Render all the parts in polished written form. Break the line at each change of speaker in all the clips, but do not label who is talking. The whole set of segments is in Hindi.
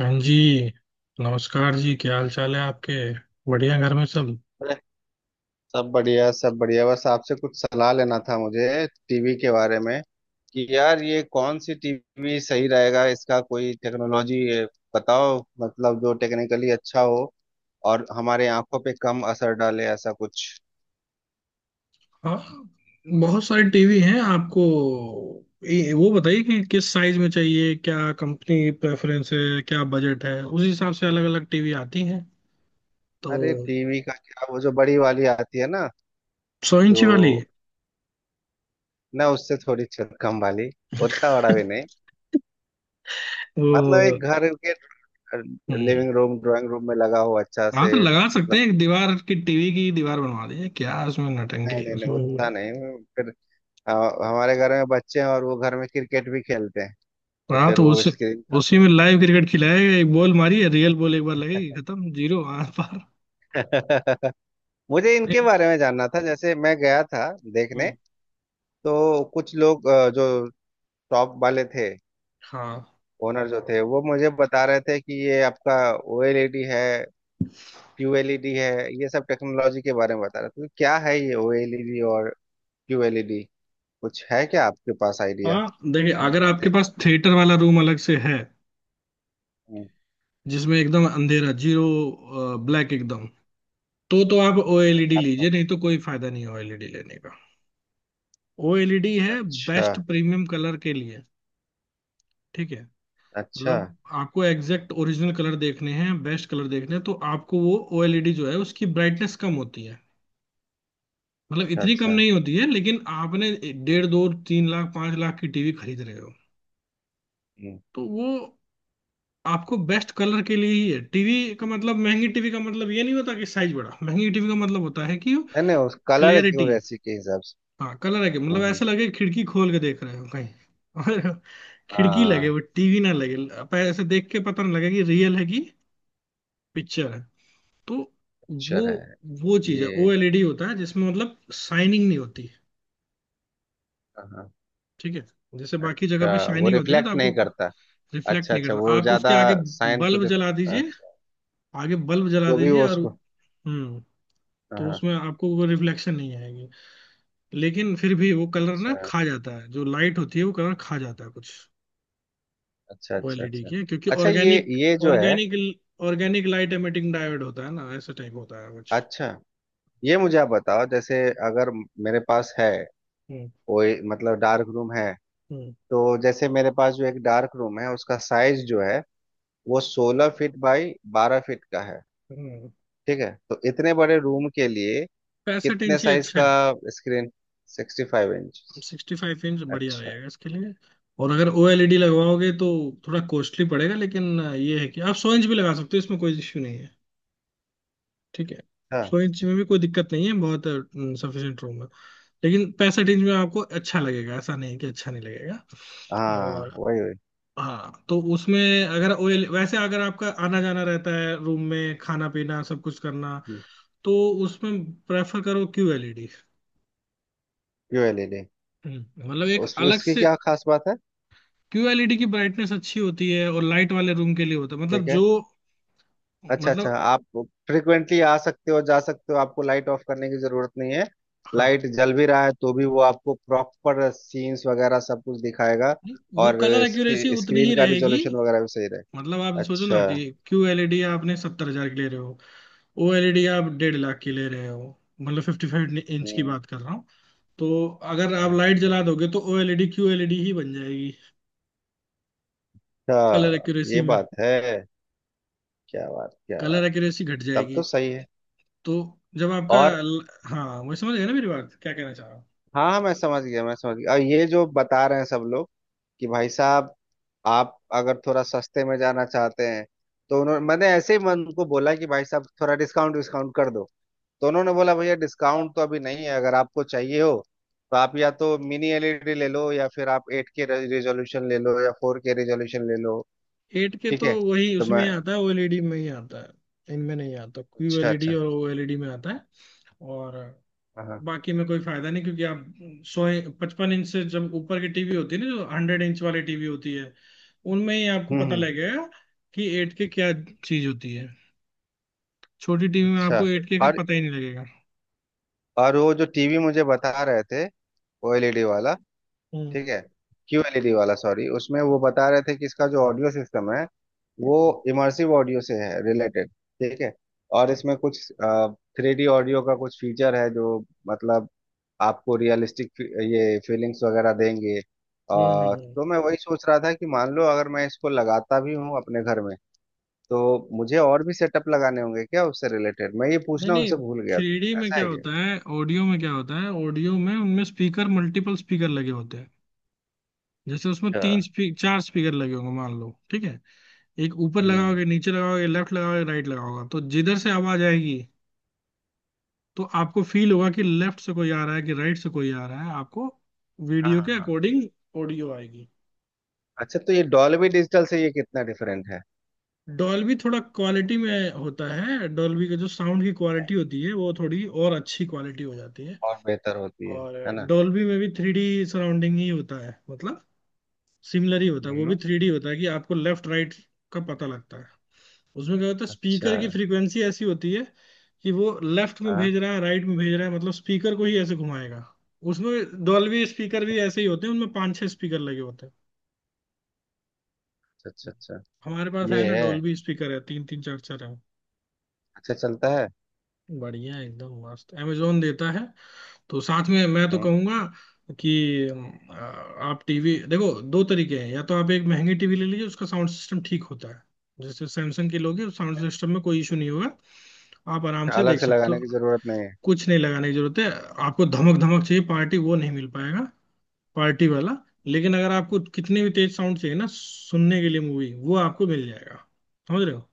हाँ जी। नमस्कार जी। क्या हाल चाल है आपके? बढ़िया? घर में सब?
अरे, सब बढ़िया सब बढ़िया। बस आपसे कुछ सलाह लेना था मुझे टीवी के बारे में कि यार ये कौन सी टीवी सही रहेगा। इसका कोई टेक्नोलॉजी बताओ, मतलब जो टेक्निकली अच्छा हो और हमारे आंखों पे कम असर डाले, ऐसा कुछ।
हाँ, बहुत सारे टीवी हैं आपको। वो बताइए कि किस साइज में चाहिए, क्या कंपनी प्रेफरेंस है, क्या बजट है। उस हिसाब से अलग अलग टीवी आती हैं तो।
अरे टीवी का क्या, वो जो बड़ी वाली आती है ना,
100 इंची
जो
वाली।
ना, उससे थोड़ी कम वाली, उतना बड़ा भी नहीं, मतलब
वो
एक घर के
हम्म,
लिविंग रूम ड्राइंग रूम में लगा हो अच्छा
हाँ,
से,
तो लगा सकते
मतलब।
हैं, एक दीवार की टीवी की दीवार बनवा दीजिए, क्या उसमें नटंगी
नहीं
है,
नहीं नहीं,
उसमें।
उतना नहीं। फिर हाँ, हमारे घर में बच्चे हैं और वो घर में क्रिकेट भी खेलते हैं, तो
हाँ,
फिर
तो
वो
उस
स्क्रीन का तो
उसी में लाइव क्रिकेट खिलाएगा। एक बॉल मारी है, रियल बॉल एक बार लगेगी, खत्म, जीरो आर पार।
मुझे इनके बारे में जानना था। जैसे मैं गया था देखने,
हम्म,
तो कुछ लोग जो टॉप वाले थे,
हाँ,
ओनर जो थे, वो मुझे बता रहे थे कि ये आपका ओएलईडी है, क्यूएलईडी है, ये सब टेक्नोलॉजी के बारे में बता रहे थे। तो क्या है ये ओएलईडी और क्यूएलईडी, कुछ है क्या आपके पास आइडिया?
हाँ, देखिए अगर
बोल
आपके
रहे थे।
पास थिएटर वाला रूम अलग से है,
हम्म,
जिसमें एकदम अंधेरा, जीरो ब्लैक, एकदम तो आप ओएलईडी
अच्छा
लीजिए, नहीं तो कोई फायदा नहीं है ओएलईडी लेने का। ओएलईडी है
अच्छा
बेस्ट प्रीमियम कलर के लिए। ठीक है।
अच्छा।
मतलब आपको एग्जैक्ट ओरिजिनल कलर देखने हैं, बेस्ट कलर देखने हैं तो आपको वो ओएलईडी जो है उसकी ब्राइटनेस कम होती है। मतलब
अच्छा
इतनी कम
अच्छा।
नहीं होती है लेकिन आपने 1.5, 2, 3 लाख, 5 लाख की टीवी खरीद रहे हो
हम्म।
तो वो आपको बेस्ट कलर के लिए ही है। टीवी का मतलब, महंगी टीवी का मतलब ये नहीं होता कि साइज बड़ा, महंगी टीवी का मतलब होता है कि
नहीं नहीं, उस कलर की
क्लियरिटी,
और ऐसी के हिसाब से।
हाँ, कलर है, कि
हम्म
मतलब
हम्म।
ऐसा लगे कि खिड़की खोल के देख रहे हो कहीं। और खिड़की लगे, वो
हाँ,
टीवी ना लगे, आप ऐसे देख के पता नहीं लगे कि रियल है कि पिक्चर है। तो वो
अक्षर है
वो चीज है,
ये।
ओएलईडी होता है जिसमें मतलब शाइनिंग नहीं होती है।
हाँ,
ठीक है, जैसे बाकी जगह पे
अच्छा, वो
शाइनिंग होती है ना
रिफ्लेक्ट
तो आपको
नहीं करता।
रिफ्लेक्ट
अच्छा
नहीं
अच्छा,
करता।
वो
आप उसके
ज्यादा
आगे
साइन को
बल्ब जला दीजिए,
अच्छा,
आगे बल्ब जला
जो भी
दीजिए।
वो
और
उसको।
हम्म तो
हाँ,
उसमें आपको वो रिफ्लेक्शन नहीं आएगी। लेकिन फिर भी वो कलर ना
अच्छा
खा जाता है, जो लाइट होती है वो कलर खा जाता है कुछ
अच्छा अच्छा।
ओएलईडी
अच्छा
के, क्योंकि
अच्छा, ये
ऑर्गेनिक
ये जो है
organic organic light emitting diode होता है ना, ऐसा टाइप होता है कुछ।
अच्छा। ये मुझे आप बताओ, जैसे अगर मेरे पास है
हम्म,
कोई मतलब डार्क रूम है,
हम्म,
तो जैसे मेरे पास जो एक डार्क रूम है उसका साइज जो है, वो 16 फीट बाई 12 फीट का है।
हम्म।
ठीक है, तो इतने बड़े रूम के लिए
65
कितने
इंच ही
साइज
अच्छा
का
है।
स्क्रीन? 65 इंच?
65 इंच बढ़िया
अच्छा
रहेगा इसके लिए। और अगर ओएलईडी लगवाओगे तो थोड़ा कॉस्टली पड़ेगा। लेकिन ये है कि आप 100 इंच भी लगा सकते हो, इसमें कोई इश्यू नहीं है। ठीक है,
अच्छा।
100 इंच में भी कोई दिक्कत नहीं है, बहुत सफिशियंट रूम है। लेकिन पैसा रेंज में आपको अच्छा लगेगा, ऐसा नहीं कि अच्छा नहीं लगेगा।
हाँ
और
वही वही।
हाँ, तो उसमें अगर ओएल वैसे अगर आपका आना जाना रहता है रूम में, खाना पीना सब कुछ करना, तो उसमें प्रेफर करो क्यूएलईडी।
क्यूएलईडी,
मतलब एक
उस
अलग
उसकी
से।
क्या खास बात है?
क्यूएलईडी की ब्राइटनेस अच्छी होती है और लाइट वाले रूम के लिए होता है, मतलब
ठीक है।
जो,
अच्छा अच्छा,
मतलब।
आप फ्रिक्वेंटली आ सकते हो जा सकते हो, आपको लाइट ऑफ करने की जरूरत नहीं है।
हाँ,
लाइट जल भी रहा है तो भी वो आपको प्रॉपर सीन्स वगैरह सब कुछ दिखाएगा?
नहीं, वो
और
कलर एक्यूरेसी
इसकी
उतनी
स्क्रीन
ही
का
रहेगी।
रिजोल्यूशन वगैरह भी सही
मतलब आप
रहेगा?
सोचो ना,
अच्छा।
कि क्यू एलईडी आपने 70,000 की ले रहे हो, ओ एलईडी आप 1.5 लाख की ले रहे हो, मतलब 55 इंच की
हम्म
बात कर रहा हूँ। तो अगर
हम्म,
आप लाइट
हम्म,
जला
हम्म।
दोगे तो ओ एलईडी क्यू एलईडी ही बन जाएगी। कलर
अच्छा,
एक्यूरेसी
ये
में,
बात है, क्या बात क्या बात।
कलर एक्यूरेसी घट
तब
जाएगी।
तो सही है।
तो जब आपका
और
ल- हाँ, वही, समझ गए ना मेरी बात, क्या कहना चाह रहा हूँ।
हाँ हाँ, मैं समझ गया मैं समझ गया। और ये जो बता रहे हैं सब लोग कि भाई साहब, आप अगर थोड़ा सस्ते में जाना चाहते हैं, तो उन्होंने, मैंने ऐसे ही मन को बोला कि भाई साहब थोड़ा डिस्काउंट डिस्काउंट कर दो, तो उन्होंने बोला भैया डिस्काउंट तो अभी नहीं है, अगर आपको चाहिए हो तो आप या तो मिनी एलईडी ले लो, या फिर आप एट के रेजोल्यूशन ले लो, या फोर के रेजोल्यूशन ले लो।
एट के
ठीक
तो
है,
वही
तो मैं,
उसमें ही आता है, ओ एलईडी में ही आता है, इनमें नहीं आता। क्यू
अच्छा
एलईडी
अच्छा।
और ओ एलईडी में आता है, और
हाँ हाँ।
बाकी में कोई फायदा नहीं। क्योंकि आप सोए 55 इंच से जब ऊपर की टीवी होती है ना, जो 100 इंच वाली टीवी होती है, उनमें ही आपको पता
हम्म।
लगेगा कि एट के क्या चीज होती है। छोटी टीवी में
अच्छा,
आपको एट के का
और
पता ही नहीं लगेगा।
और वो जो टीवी मुझे बता रहे थे, वो एलईडी वाला,
हम्म,
ठीक है, क्यू एलईडी वाला सॉरी, उसमें वो बता रहे थे कि इसका जो ऑडियो सिस्टम है वो
हम्म,
इमर्सिव ऑडियो से है रिलेटेड। ठीक है, और इसमें कुछ थ्री डी ऑडियो का कुछ फीचर है जो, मतलब, आपको रियलिस्टिक ये फीलिंग्स वगैरह देंगे।
हम्म, हम्म।
तो मैं वही सोच रहा था कि मान लो अगर मैं इसको लगाता भी हूँ अपने घर में, तो मुझे और भी सेटअप लगाने होंगे क्या उससे रिलेटेड? मैं ये
नहीं,
पूछना
नहीं,
उनसे भूल गया
थ्री डी
था,
में
ऐसा
क्या
है क्या?
होता है, ऑडियो में क्या होता है, ऑडियो में उनमें स्पीकर, मल्टीपल स्पीकर लगे होते हैं। जैसे उसमें
अच्छा।
चार स्पीकर लगे होंगे मान लो, ठीक है। एक ऊपर
हम्म।
लगाओगे, नीचे लगाओगे, लेफ्ट लगाओगे, राइट लगाओगे तो जिधर से आवाज आएगी, तो आपको फील होगा कि लेफ्ट से कोई आ रहा है कि राइट से कोई आ रहा है। आपको
हाँ
वीडियो
हाँ
के
हाँ।
अकॉर्डिंग ऑडियो आएगी।
अच्छा, तो ये डॉल्बी डिजिटल से ये कितना डिफरेंट है?
डॉल्बी थोड़ा क्वालिटी में होता है, डॉल्बी का जो साउंड की क्वालिटी होती है, वो थोड़ी और अच्छी क्वालिटी हो जाती है।
और बेहतर होती है
और
है ना?
डॉल्बी में भी थ्री डी सराउंडिंग ही होता है, मतलब सिमिलर ही होता है, वो भी
हम्म।
थ्री डी होता है कि आपको लेफ्ट राइट का पता लगता है। उसमें क्या होता है,
अच्छा।
स्पीकर की फ्रीक्वेंसी ऐसी होती है कि वो लेफ्ट में
हाँ।
भेज रहा है, राइट में भेज रहा है, मतलब स्पीकर को ही ऐसे घुमाएगा। उसमें डॉल्बी स्पीकर भी ऐसे ही होते हैं, उनमें पांच छह स्पीकर लगे होते हैं।
अच्छा अच्छा अच्छा।
हमारे पास है
ये
ना
है।
डॉल्बी स्पीकर है, तीन तीन चार चार है।
अच्छा, चलता है।
बढ़िया है, एकदम मस्त। Amazon देता है तो साथ में, मैं तो
हम्म।
कहूंगा कि अ, आप टीवी देखो, दो तरीके हैं, या तो आप एक महंगी टीवी ले लीजिए, उसका साउंड सिस्टम ठीक होता है। जैसे सैमसंग की लोगे,
ठीक
साउंड
है।
सिस्टम में कोई इशू नहीं होगा, आप आराम
अच्छा,
से
अलग
देख
से
सकते हो।
लगाने की जरूरत नहीं है?
कुछ नहीं लगाने की जरूरत है। आपको धमक धमक चाहिए पार्टी, वो नहीं मिल पाएगा, पार्टी वाला। लेकिन अगर आपको कितने भी तेज साउंड चाहिए ना सुनने के लिए मूवी, वो आपको मिल जाएगा। समझ रहे हो?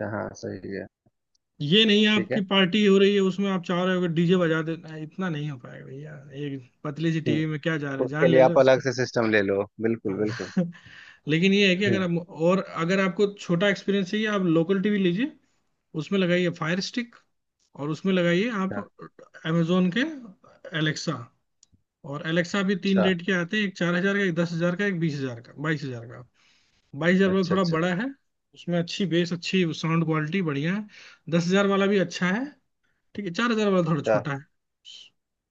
अच्छा, हाँ सही है।
ये नहीं
ठीक
आपकी
है।
पार्टी हो रही है, उसमें आप चाह रहे हो डीजे बजा देना, इतना नहीं हो पाएगा भैया। एक पतली सी टीवी में
हम्म,
क्या जा रहा है, जान
उसके
ले
लिए
लो
आप
इसके।
अलग से सिस्टम ले लो, बिल्कुल
हाँ।
बिल्कुल।
लेकिन ये है कि अगर
हम्म,
आप और अगर आपको छोटा एक्सपीरियंस चाहिए, आप लोकल टीवी लीजिए, उसमें लगाइए फायर स्टिक और उसमें लगाइए आप
अच्छा
अमेजोन के एलेक्सा। और एलेक्सा भी तीन
अच्छा
रेट के आते हैं, एक 4,000 का, एक 10,000 का, एक 20,000 का, 22,000 का। बाईस हजार वाला
अच्छा।
थोड़ा
अच्छा
बड़ा है, उसमें अच्छी बेस, अच्छी साउंड क्वालिटी बढ़िया है। 10,000 वाला भी अच्छा है, ठीक है। 4,000 वाला थोड़ा
अच्छा।
छोटा है,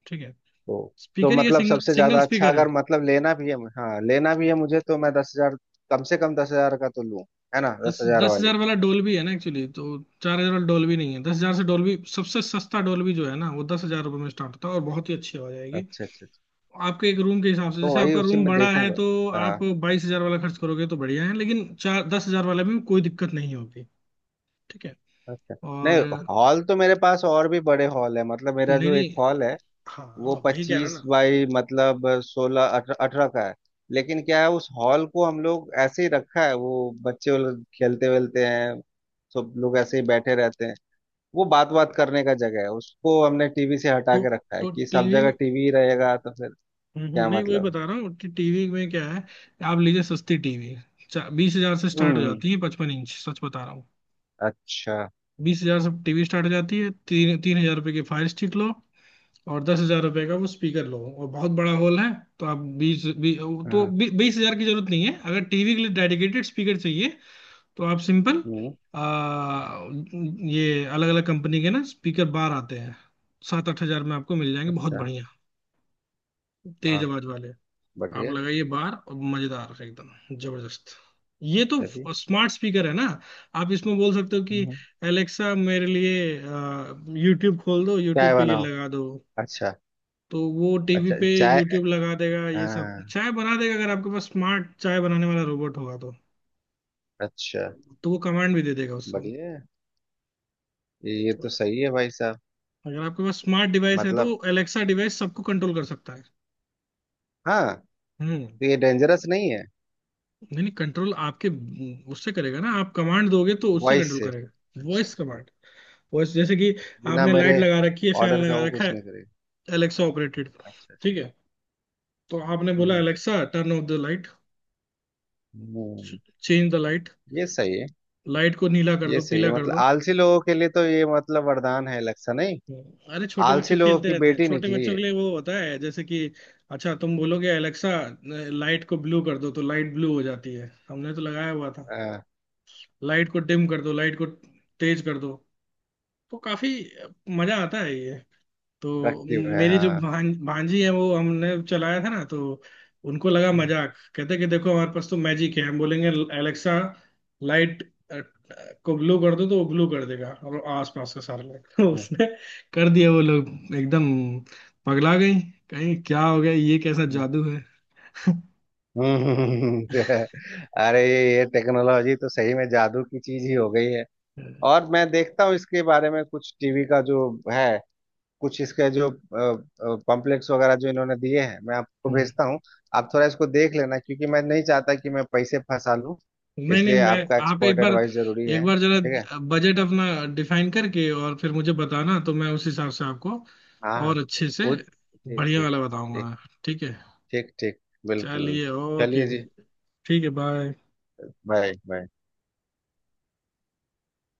ठीक है।
तो तो
स्पीकर ये
मतलब
सिंगल
सबसे
सिंगल
ज्यादा अच्छा,
स्पीकर
अगर
है।
मतलब लेना भी है, हाँ लेना भी है मुझे, तो मैं दस हजार, कम से कम 10 हजार का तो लूँ, है ना? दस
दस
हजार
दस
वाली।
हजार वाला डोल्बी है ना, एक्चुअली तो। 4,000 वाला डोल्बी नहीं है, 10,000 से डोल्बी, सबसे सस्ता डोल्बी जो है ना, वो 10,000 रुपये में स्टार्ट होता है और बहुत ही अच्छी आवाज आएगी।
अच्छा अच्छा अच्छा।
आपके एक रूम के हिसाब से,
तो
जैसे
वही
आपका
उसी
रूम
में
बड़ा है
देखूंगा।
तो
हाँ।
आप 22,000 वाला खर्च करोगे तो बढ़िया है। लेकिन चार 10,000 वाला भी कोई दिक्कत नहीं होगी, ठीक है।
अच्छा,
और
नहीं, हॉल तो मेरे पास और भी बड़े हॉल है, मतलब
नहीं,
मेरा जो एक
नहीं,
हॉल है वो
हाँ, वही कह रहा
25
ना।
बाई, मतलब 16 18 का है। लेकिन क्या है, उस हॉल को हम लोग ऐसे ही रखा है, वो बच्चे वो लोग खेलते वेलते हैं, सब लोग ऐसे ही बैठे रहते हैं। वो बात बात करने का जगह है, उसको हमने टीवी से हटा
तो
के रखा है
तो
कि सब
टीवी
जगह
में।
टीवी ही रहेगा तो फिर
हम्म,
क्या
नहीं, वही
मतलब
बता रहा हूँ कि टीवी में क्या है। आप लीजिए सस्ती टीवी, 20,000 से
है?
स्टार्ट हो
हम्म।
जाती है पचपन इंच, सच बता रहा हूँ।
अच्छा।
20,000 से टीवी स्टार्ट हो जाती है, 3-3 हजार रुपये की फायर स्टिक लो, और 10,000 रुपए का वो स्पीकर लो और बहुत बड़ा हॉल है। तो आप बीस तो
हाँ।
20,000 की जरूरत नहीं है, अगर टीवी के लिए डेडिकेटेड स्पीकर चाहिए तो आप सिंपल
हम्म।
आ, ये अलग अलग कंपनी के ना स्पीकर बार आते हैं। 7-8 हजार में आपको मिल जाएंगे बहुत
अच्छा,
बढ़िया, तेज
हाँ
आवाज वाले। आप
बढ़िया।
लगाइए बार, और मजेदार, एकदम जबरदस्त। ये तो
चलिए।
स्मार्ट स्पीकर है ना, आप इसमें बोल सकते हो कि
हम्म।
एलेक्सा मेरे लिए यूट्यूब खोल दो,
चाय
यूट्यूब पे ये
बनाओ।
लगा दो,
अच्छा
तो वो टीवी
अच्छा,
पे
चाय,
यूट्यूब लगा देगा। ये सब
हाँ,
चाय बना देगा अगर आपके पास स्मार्ट चाय बनाने वाला रोबोट होगा, तो
अच्छा,
वो कमांड भी दे देगा उसको।
बढ़िया है। ये
तो
तो सही है भाई साहब,
अगर आपके पास स्मार्ट डिवाइस है तो
मतलब।
एलेक्सा डिवाइस सबको कंट्रोल कर सकता है।
हाँ,
हम्म।
तो ये डेंजरस नहीं है?
नहीं, नहीं, कंट्रोल आपके, उससे करेगा ना, आप कमांड दोगे तो उससे
वॉइस
कंट्रोल
से,
करेगा।
अच्छा।
वॉइस कमांड, वॉइस, जैसे कि
बिना
आपने
मेरे
लाइट लगा रखी है, फैन
ऑर्डर का
लगा
वो
रखा
कुछ
है,
नहीं करेगा?
Alexa operated.
अच्छा अच्छा।
ठीक है, तो आपने बोला
हम्म,
Alexa turn off the light,
हम्म,
चेंज द लाइट,
ये सही है।
लाइट को नीला कर
ये
दो,
सही
पीला
है,
कर
मतलब
दो।
आलसी लोगों के लिए तो ये मतलब वरदान है, इलेक्शन नहीं।
अरे छोटे
आलसी
बच्चे
लोगों
खेलते
की
रहते हैं,
बेटी
छोटे
निकली
बच्चों
है।
के लिए वो होता है, जैसे कि अच्छा तुम बोलोगे एलेक्सा लाइट को ब्लू कर दो तो लाइट ब्लू हो जाती है, हमने तो लगाया हुआ था।
हाँ,
लाइट को डिम कर दो, लाइट को तेज कर दो, तो काफी मजा आता है ये। तो
रखती है
मेरी जो
हाँ।
भांजी है, वो हमने चलाया था ना तो उनको लगा
हम्म,
मजाक, कहते कि देखो हमारे पास तो मैजिक है, हम बोलेंगे एलेक्सा लाइट को ब्लू कर दो तो वो ब्लू कर देगा और आसपास का सारा लाइट। तो उसने कर दिया, वो लोग एकदम पगला गई, कहीं क्या हो गया, ये कैसा
हम्म,
जादू है।
हम्म। अरे, ये टेक्नोलॉजी तो सही में जादू की चीज ही हो गई है। और मैं देखता हूँ इसके बारे में, कुछ टीवी का जो है, कुछ इसके जो पम्पलेट्स वगैरह जो इन्होंने दिए हैं, मैं आपको
हम्म,
भेजता हूँ, आप थोड़ा इसको देख लेना, क्योंकि मैं नहीं चाहता कि मैं पैसे फंसा लूँ,
नहीं, नहीं।
इसलिए
मैं
आपका
आप
एक्सपर्ट
एक बार,
एडवाइस जरूरी
एक
है।
बार जरा
ठीक है।
बजट अपना डिफाइन करके और फिर मुझे बताना तो मैं उस हिसाब से आपको
हाँ
और
हाँ।
अच्छे से
वो ठीक
बढ़िया
ठीक।
वाला
ठीक।
बताऊंगा। ठीक है,
ठीक ठीक। बिल्कुल
चलिए,
बिल्कुल,
ओके,
चलिए जी।
ठीक है, बाय।
Bye bye.